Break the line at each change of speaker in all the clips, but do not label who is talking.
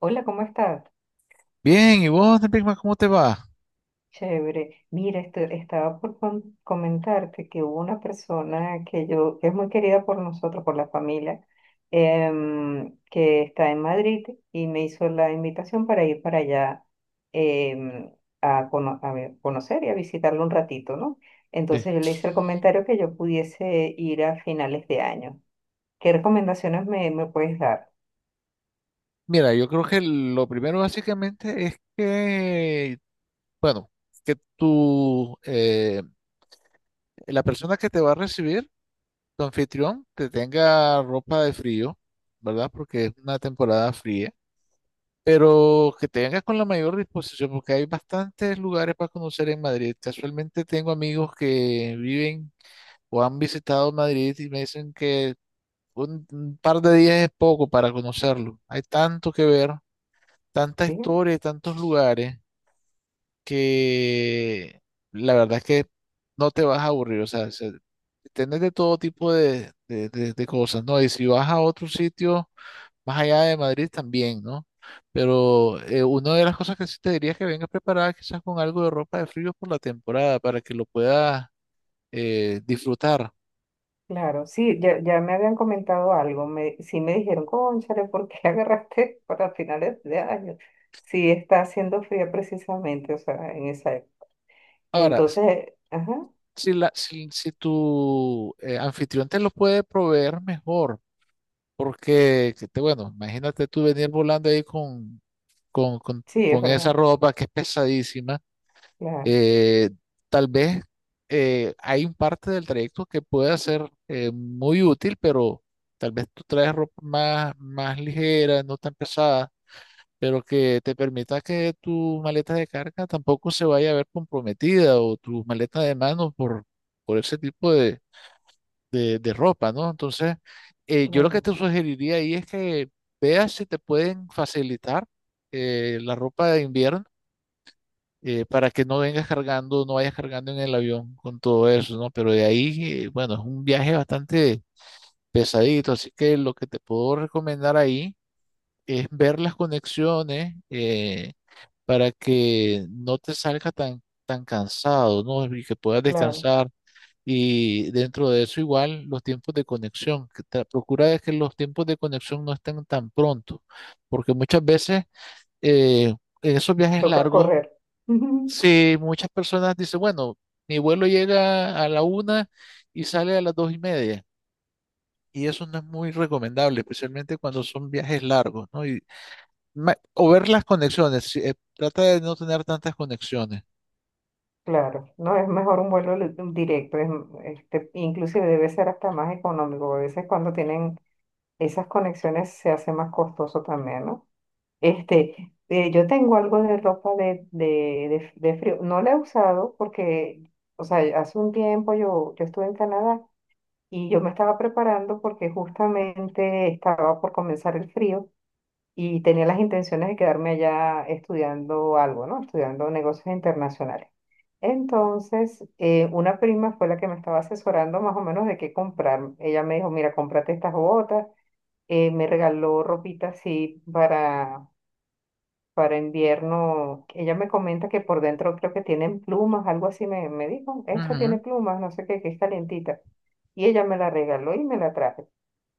Hola, ¿cómo estás?
Bien, ¿y vos, Nepigma, cómo te va?
Chévere. Mira, estaba por comentarte que hubo una persona que yo, que es muy querida por nosotros, por la familia, que está en Madrid y me hizo la invitación para ir para allá em, a conocer y a visitarlo un ratito, ¿no?
Sí.
Entonces yo le hice el comentario que yo pudiese ir a finales de año. ¿Qué recomendaciones me puedes dar?
Mira, yo creo que lo primero básicamente es que, bueno, que tú, la persona que te va a recibir, tu anfitrión, te tenga ropa de frío, ¿verdad? Porque es una temporada fría, pero que te vengas con la mayor disposición, porque hay bastantes lugares para conocer en Madrid. Casualmente tengo amigos que viven o han visitado Madrid y me dicen que un par de días es poco para conocerlo. Hay tanto que ver, tanta
¿Sí?
historia y tantos lugares que la verdad es que no te vas a aburrir. O sea, tenés de todo tipo de, de cosas, ¿no? Y si vas a otro sitio más allá de Madrid también, ¿no? Pero una de las cosas que sí te diría es que vengas preparada quizás con algo de ropa de frío por la temporada para que lo puedas disfrutar.
Claro, sí, ya, ya me habían comentado algo, sí me dijeron, cónchale, ¿por qué agarraste para finales de año? Sí, está haciendo frío precisamente, o sea, en esa época.
Ahora,
Entonces, ajá,
si, la, si, si tu anfitrión te lo puede proveer mejor, porque, que te, bueno, imagínate tú venir volando ahí
sí, es
con esa
verdad,
ropa que es pesadísima,
claro,
eh, tal vez hay un parte del trayecto que pueda ser muy útil, pero tal vez tú traes ropa más, más ligera, no tan pesada, pero que te permita que tu maleta de carga tampoco se vaya a ver comprometida o tu maleta de mano por ese tipo de, de ropa, ¿no? Entonces, yo lo que
claro,
te sugeriría ahí es que veas si te pueden facilitar la ropa de invierno para que no vengas cargando, no vayas cargando en el avión con todo eso, ¿no? Pero de ahí, bueno, es un viaje bastante pesadito, así que lo que te puedo recomendar ahí es ver las conexiones para que no te salga tan, tan cansado, ¿no? Y que puedas
claro,
descansar y dentro de eso igual los tiempos de conexión, que procura de que los tiempos de conexión no estén tan pronto, porque muchas veces eh, en esos viajes
toca
largos,
correr. Ujú,
si muchas personas dicen, bueno, mi vuelo llega a la 1 y sale a las 2:30, y eso no es muy recomendable, especialmente cuando son viajes largos, ¿no? Y, o ver las conexiones, trata de no tener tantas conexiones.
claro, no, es mejor un vuelo directo, es, inclusive debe ser hasta más económico, a veces cuando tienen esas conexiones se hace más costoso también, ¿no? Yo tengo algo de ropa de frío. No la he usado porque, o sea, hace un tiempo yo estuve en Canadá y yo me estaba preparando porque justamente estaba por comenzar el frío y tenía las intenciones de quedarme allá estudiando algo, ¿no? Estudiando negocios internacionales. Entonces, una prima fue la que me estaba asesorando más o menos de qué comprar. Ella me dijo, mira, cómprate estas botas. Me regaló ropita así para invierno. Ella me comenta que por dentro creo que tienen plumas, algo así me dijo. Esta tiene
Ujú.
plumas, no sé qué, que es calientita. Y ella me la regaló y me la traje.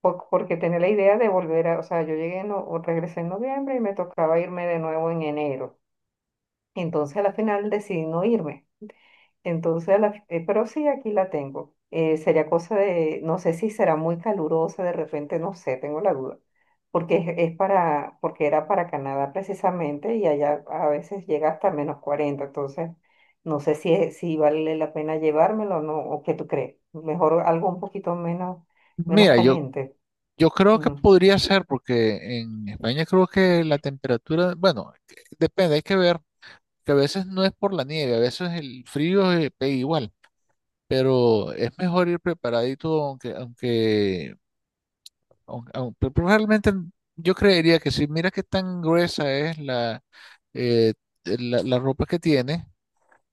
Porque tenía la idea de volver a, o sea, yo llegué, en no, o regresé en noviembre y me tocaba irme de nuevo en enero. Entonces a la final decidí no irme. Entonces, pero sí, aquí la tengo. Sería cosa de, no sé si será muy calurosa, de repente, no sé, tengo la duda. Porque es para, porque era para Canadá precisamente y allá a veces llega hasta -40. Entonces, no sé si, si vale la pena llevármelo o no, o qué tú crees. Mejor algo un poquito menos, menos
Mira, yo.
caliente.
Yo creo que
Ujú.
podría ser porque en España creo que la temperatura, bueno, depende, hay que ver, que a veces no es por la nieve, a veces el frío pega igual, pero es mejor ir preparadito, aunque, aunque, pero probablemente yo creería que si mira qué tan gruesa es la, eh, la ropa que tiene,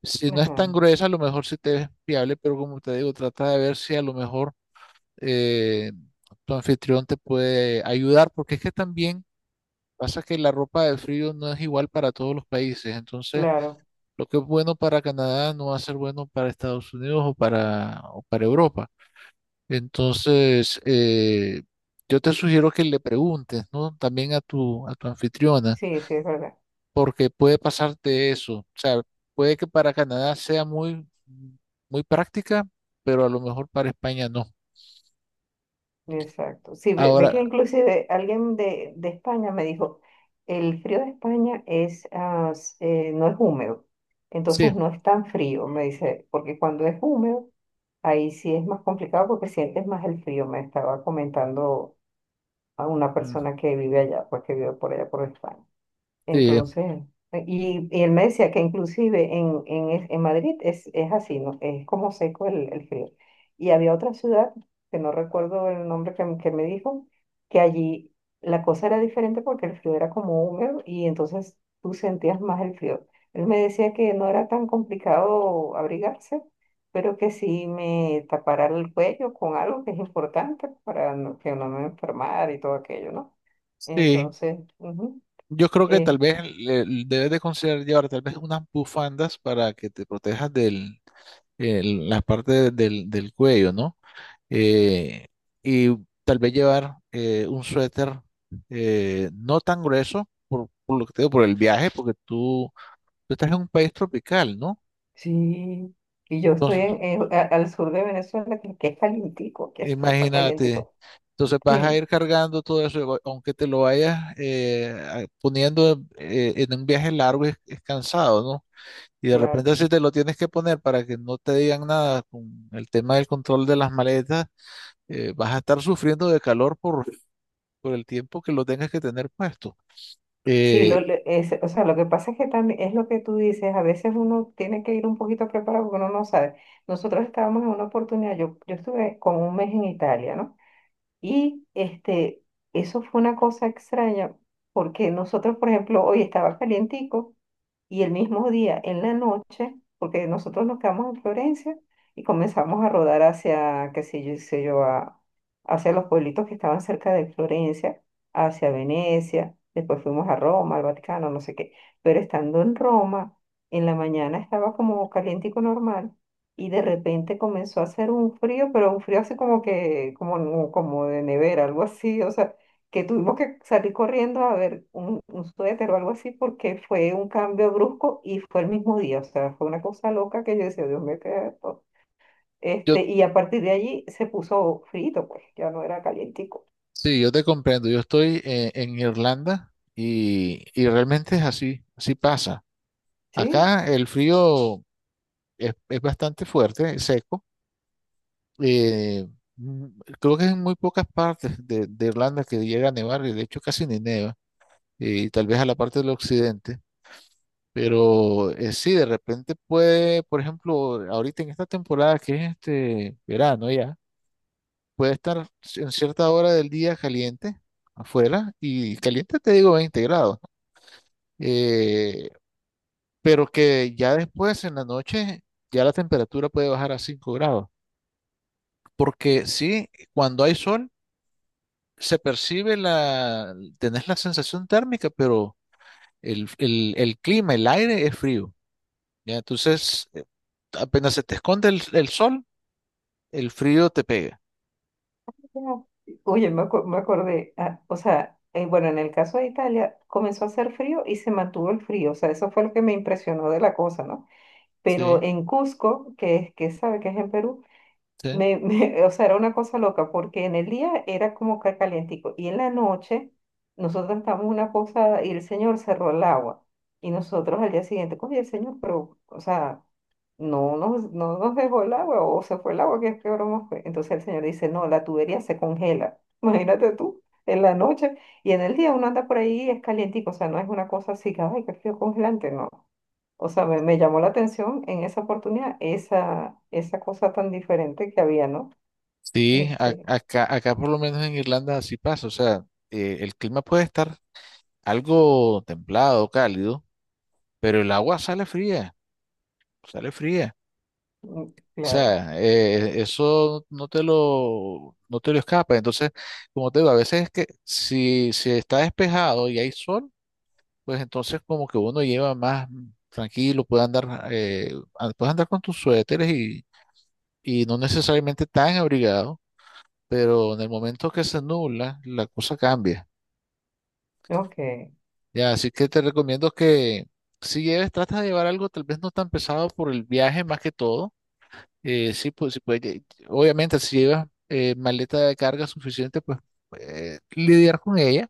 si no es
Ajá,
tan gruesa, a lo mejor sí te es fiable, pero como te digo, trata de ver si a lo mejor eh, tu anfitrión te puede ayudar, porque es que también pasa que la ropa de frío no es igual para todos los países, entonces
claro,
lo que es bueno para Canadá no va a ser bueno para Estados Unidos o para Europa. Entonces, yo te sugiero que le preguntes, ¿no? También a tu anfitriona,
sí, sí, es verdad.
porque puede pasarte eso. O sea, puede que para Canadá sea muy, muy práctica, pero a lo mejor para España no.
Exacto. Sí, ve, que
Ahora,
inclusive alguien de España me dijo, el frío de España es, ah, no es húmedo,
sí,
entonces no es tan frío, me dice, porque cuando es húmedo, ahí sí es más complicado porque sientes más el frío, me estaba comentando a una
mm,
persona que vive allá, pues que vive por allá por España.
sí,
Entonces, y él me decía que inclusive en Madrid es así, ¿no? Es como seco el frío. Y había otra ciudad, que no recuerdo el nombre que me dijo, que allí la cosa era diferente porque el frío era como húmedo y entonces tú sentías más el frío. Él me decía que no era tan complicado abrigarse, pero que sí me tapara el cuello con algo que es importante para que no me enfermara y todo aquello, ¿no?
sí.
Entonces, ujú.
Yo creo que tal
eh,
vez debes de considerar llevar tal vez unas bufandas para que te protejas del la parte del, del cuello, ¿no? Eh, y tal vez llevar un suéter no tan grueso por lo que te digo, por el viaje, porque tú estás en un país tropical, ¿no?
Sí y yo estoy
Entonces,
al sur de Venezuela, que es calientico, que esto está
imagínate,
calientico.
entonces vas a
Sí,
ir cargando todo eso, aunque te lo vayas poniendo en un viaje largo, es cansado, ¿no? Y de
claro.
repente si te lo tienes que poner para que no te digan nada con el tema del control de las maletas, vas a estar sufriendo de calor por el tiempo que lo tengas que tener puesto.
Sí,
Eh,
o sea, lo que pasa es que también es lo que tú dices, a veces uno tiene que ir un poquito preparado porque uno no sabe. Nosotros estábamos en una oportunidad, yo estuve como un mes en Italia, ¿no? Y eso fue una cosa extraña, porque nosotros, por ejemplo, hoy estaba calientico. Y el mismo día, en la noche, porque nosotros nos quedamos en Florencia y comenzamos a rodar hacia, qué sé yo, hacia los pueblitos que estaban cerca de Florencia, hacia Venecia, después fuimos a Roma, al Vaticano, no sé qué. Pero estando en Roma, en la mañana estaba como calientico normal y de repente comenzó a hacer un frío, pero un frío así como que, como, de nevera, algo así, o sea, que tuvimos que salir corriendo a ver un, suéter o algo así porque fue un cambio brusco y fue el mismo día, o sea, fue una cosa loca que yo decía, Dios mío, ¿qué es esto?".
yo,
Y a partir de allí se puso frito, pues ya no era calientico.
sí, yo te comprendo. Yo estoy en Irlanda y realmente es así, así pasa.
Sí,
Acá el frío es bastante fuerte, es seco. eh, mm, creo que en muy pocas partes de Irlanda que llega a nevar y de hecho casi ni neva, y tal vez a la parte del occidente. Pero sí, de repente puede, por ejemplo, ahorita en esta temporada que es este verano ya, puede estar en cierta hora del día caliente afuera y caliente te digo 20 grados, eh, pero que ya después en la noche ya la temperatura puede bajar a 5 grados, porque sí, cuando hay sol se percibe la, tenés la sensación térmica, pero el, el clima, el aire es frío, ¿ya? Entonces apenas se te esconde el sol, el frío te pega,
ya. Oye, me acordé, ah, o sea, bueno, en el caso de Italia comenzó a hacer frío y se mantuvo el frío, o sea, eso fue lo que me impresionó de la cosa, ¿no? Pero
sí,
en Cusco, que es, que sabe que es en Perú.
sí,
O sea, era una cosa loca, porque en el día era como que calientico, y en la noche nosotros estábamos una cosa, y el señor cerró el agua, y nosotros al día siguiente, oye, el señor, pero, o sea, no nos dejó el agua, o se fue el agua, ¿que qué broma fue? Entonces el señor dice, no, la tubería se congela, imagínate tú, en la noche, y en el día uno anda por ahí, y es calientico, o sea, no es una cosa así, que, ay, qué frío congelante, no. O sea, me llamó la atención en esa oportunidad esa, cosa tan diferente que había, ¿no?
sí,
Este,
acá, acá por lo menos en Irlanda así pasa, o sea, el clima puede estar algo templado, cálido, pero el agua sale fría,
mm,
o
claro,
sea, eso no te lo, no te lo escapa, entonces, como te digo, a veces es que si, si está despejado y hay sol, pues entonces como que uno lleva más tranquilo, eh, puede andar con tus suéteres y no necesariamente tan abrigado pero en el momento que se nubla, la cosa cambia.
ok,
Ya, así que te recomiendo que si lleves, tratas de llevar algo tal vez no tan pesado por el viaje más que todo. Sí, pues, obviamente si llevas maleta de carga suficiente, pues lidiar con ella,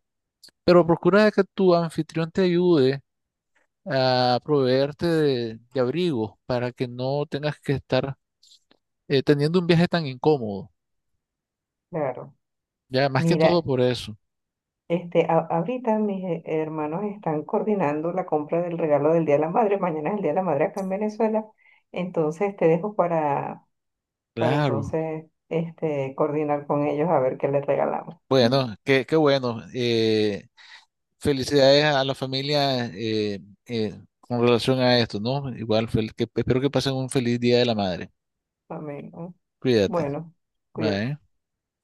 pero procura de que tu anfitrión te ayude a proveerte de abrigo para que no tengas que estar teniendo un viaje tan incómodo.
claro.
Ya, más que todo
Mira,
por eso.
ahorita mis hermanos están coordinando la compra del regalo del Día de la Madre. Mañana es el Día de la Madre acá en Venezuela. Entonces te dejo para,
Claro.
entonces coordinar con ellos a ver qué les regalamos. Mm.
Bueno, qué, qué bueno. Felicidades a la familia con relación a esto, ¿no? Igual, espero que pasen un feliz Día de la Madre.
Amén. ¿No?
Cuídate.
Bueno, cuídate.
Bye.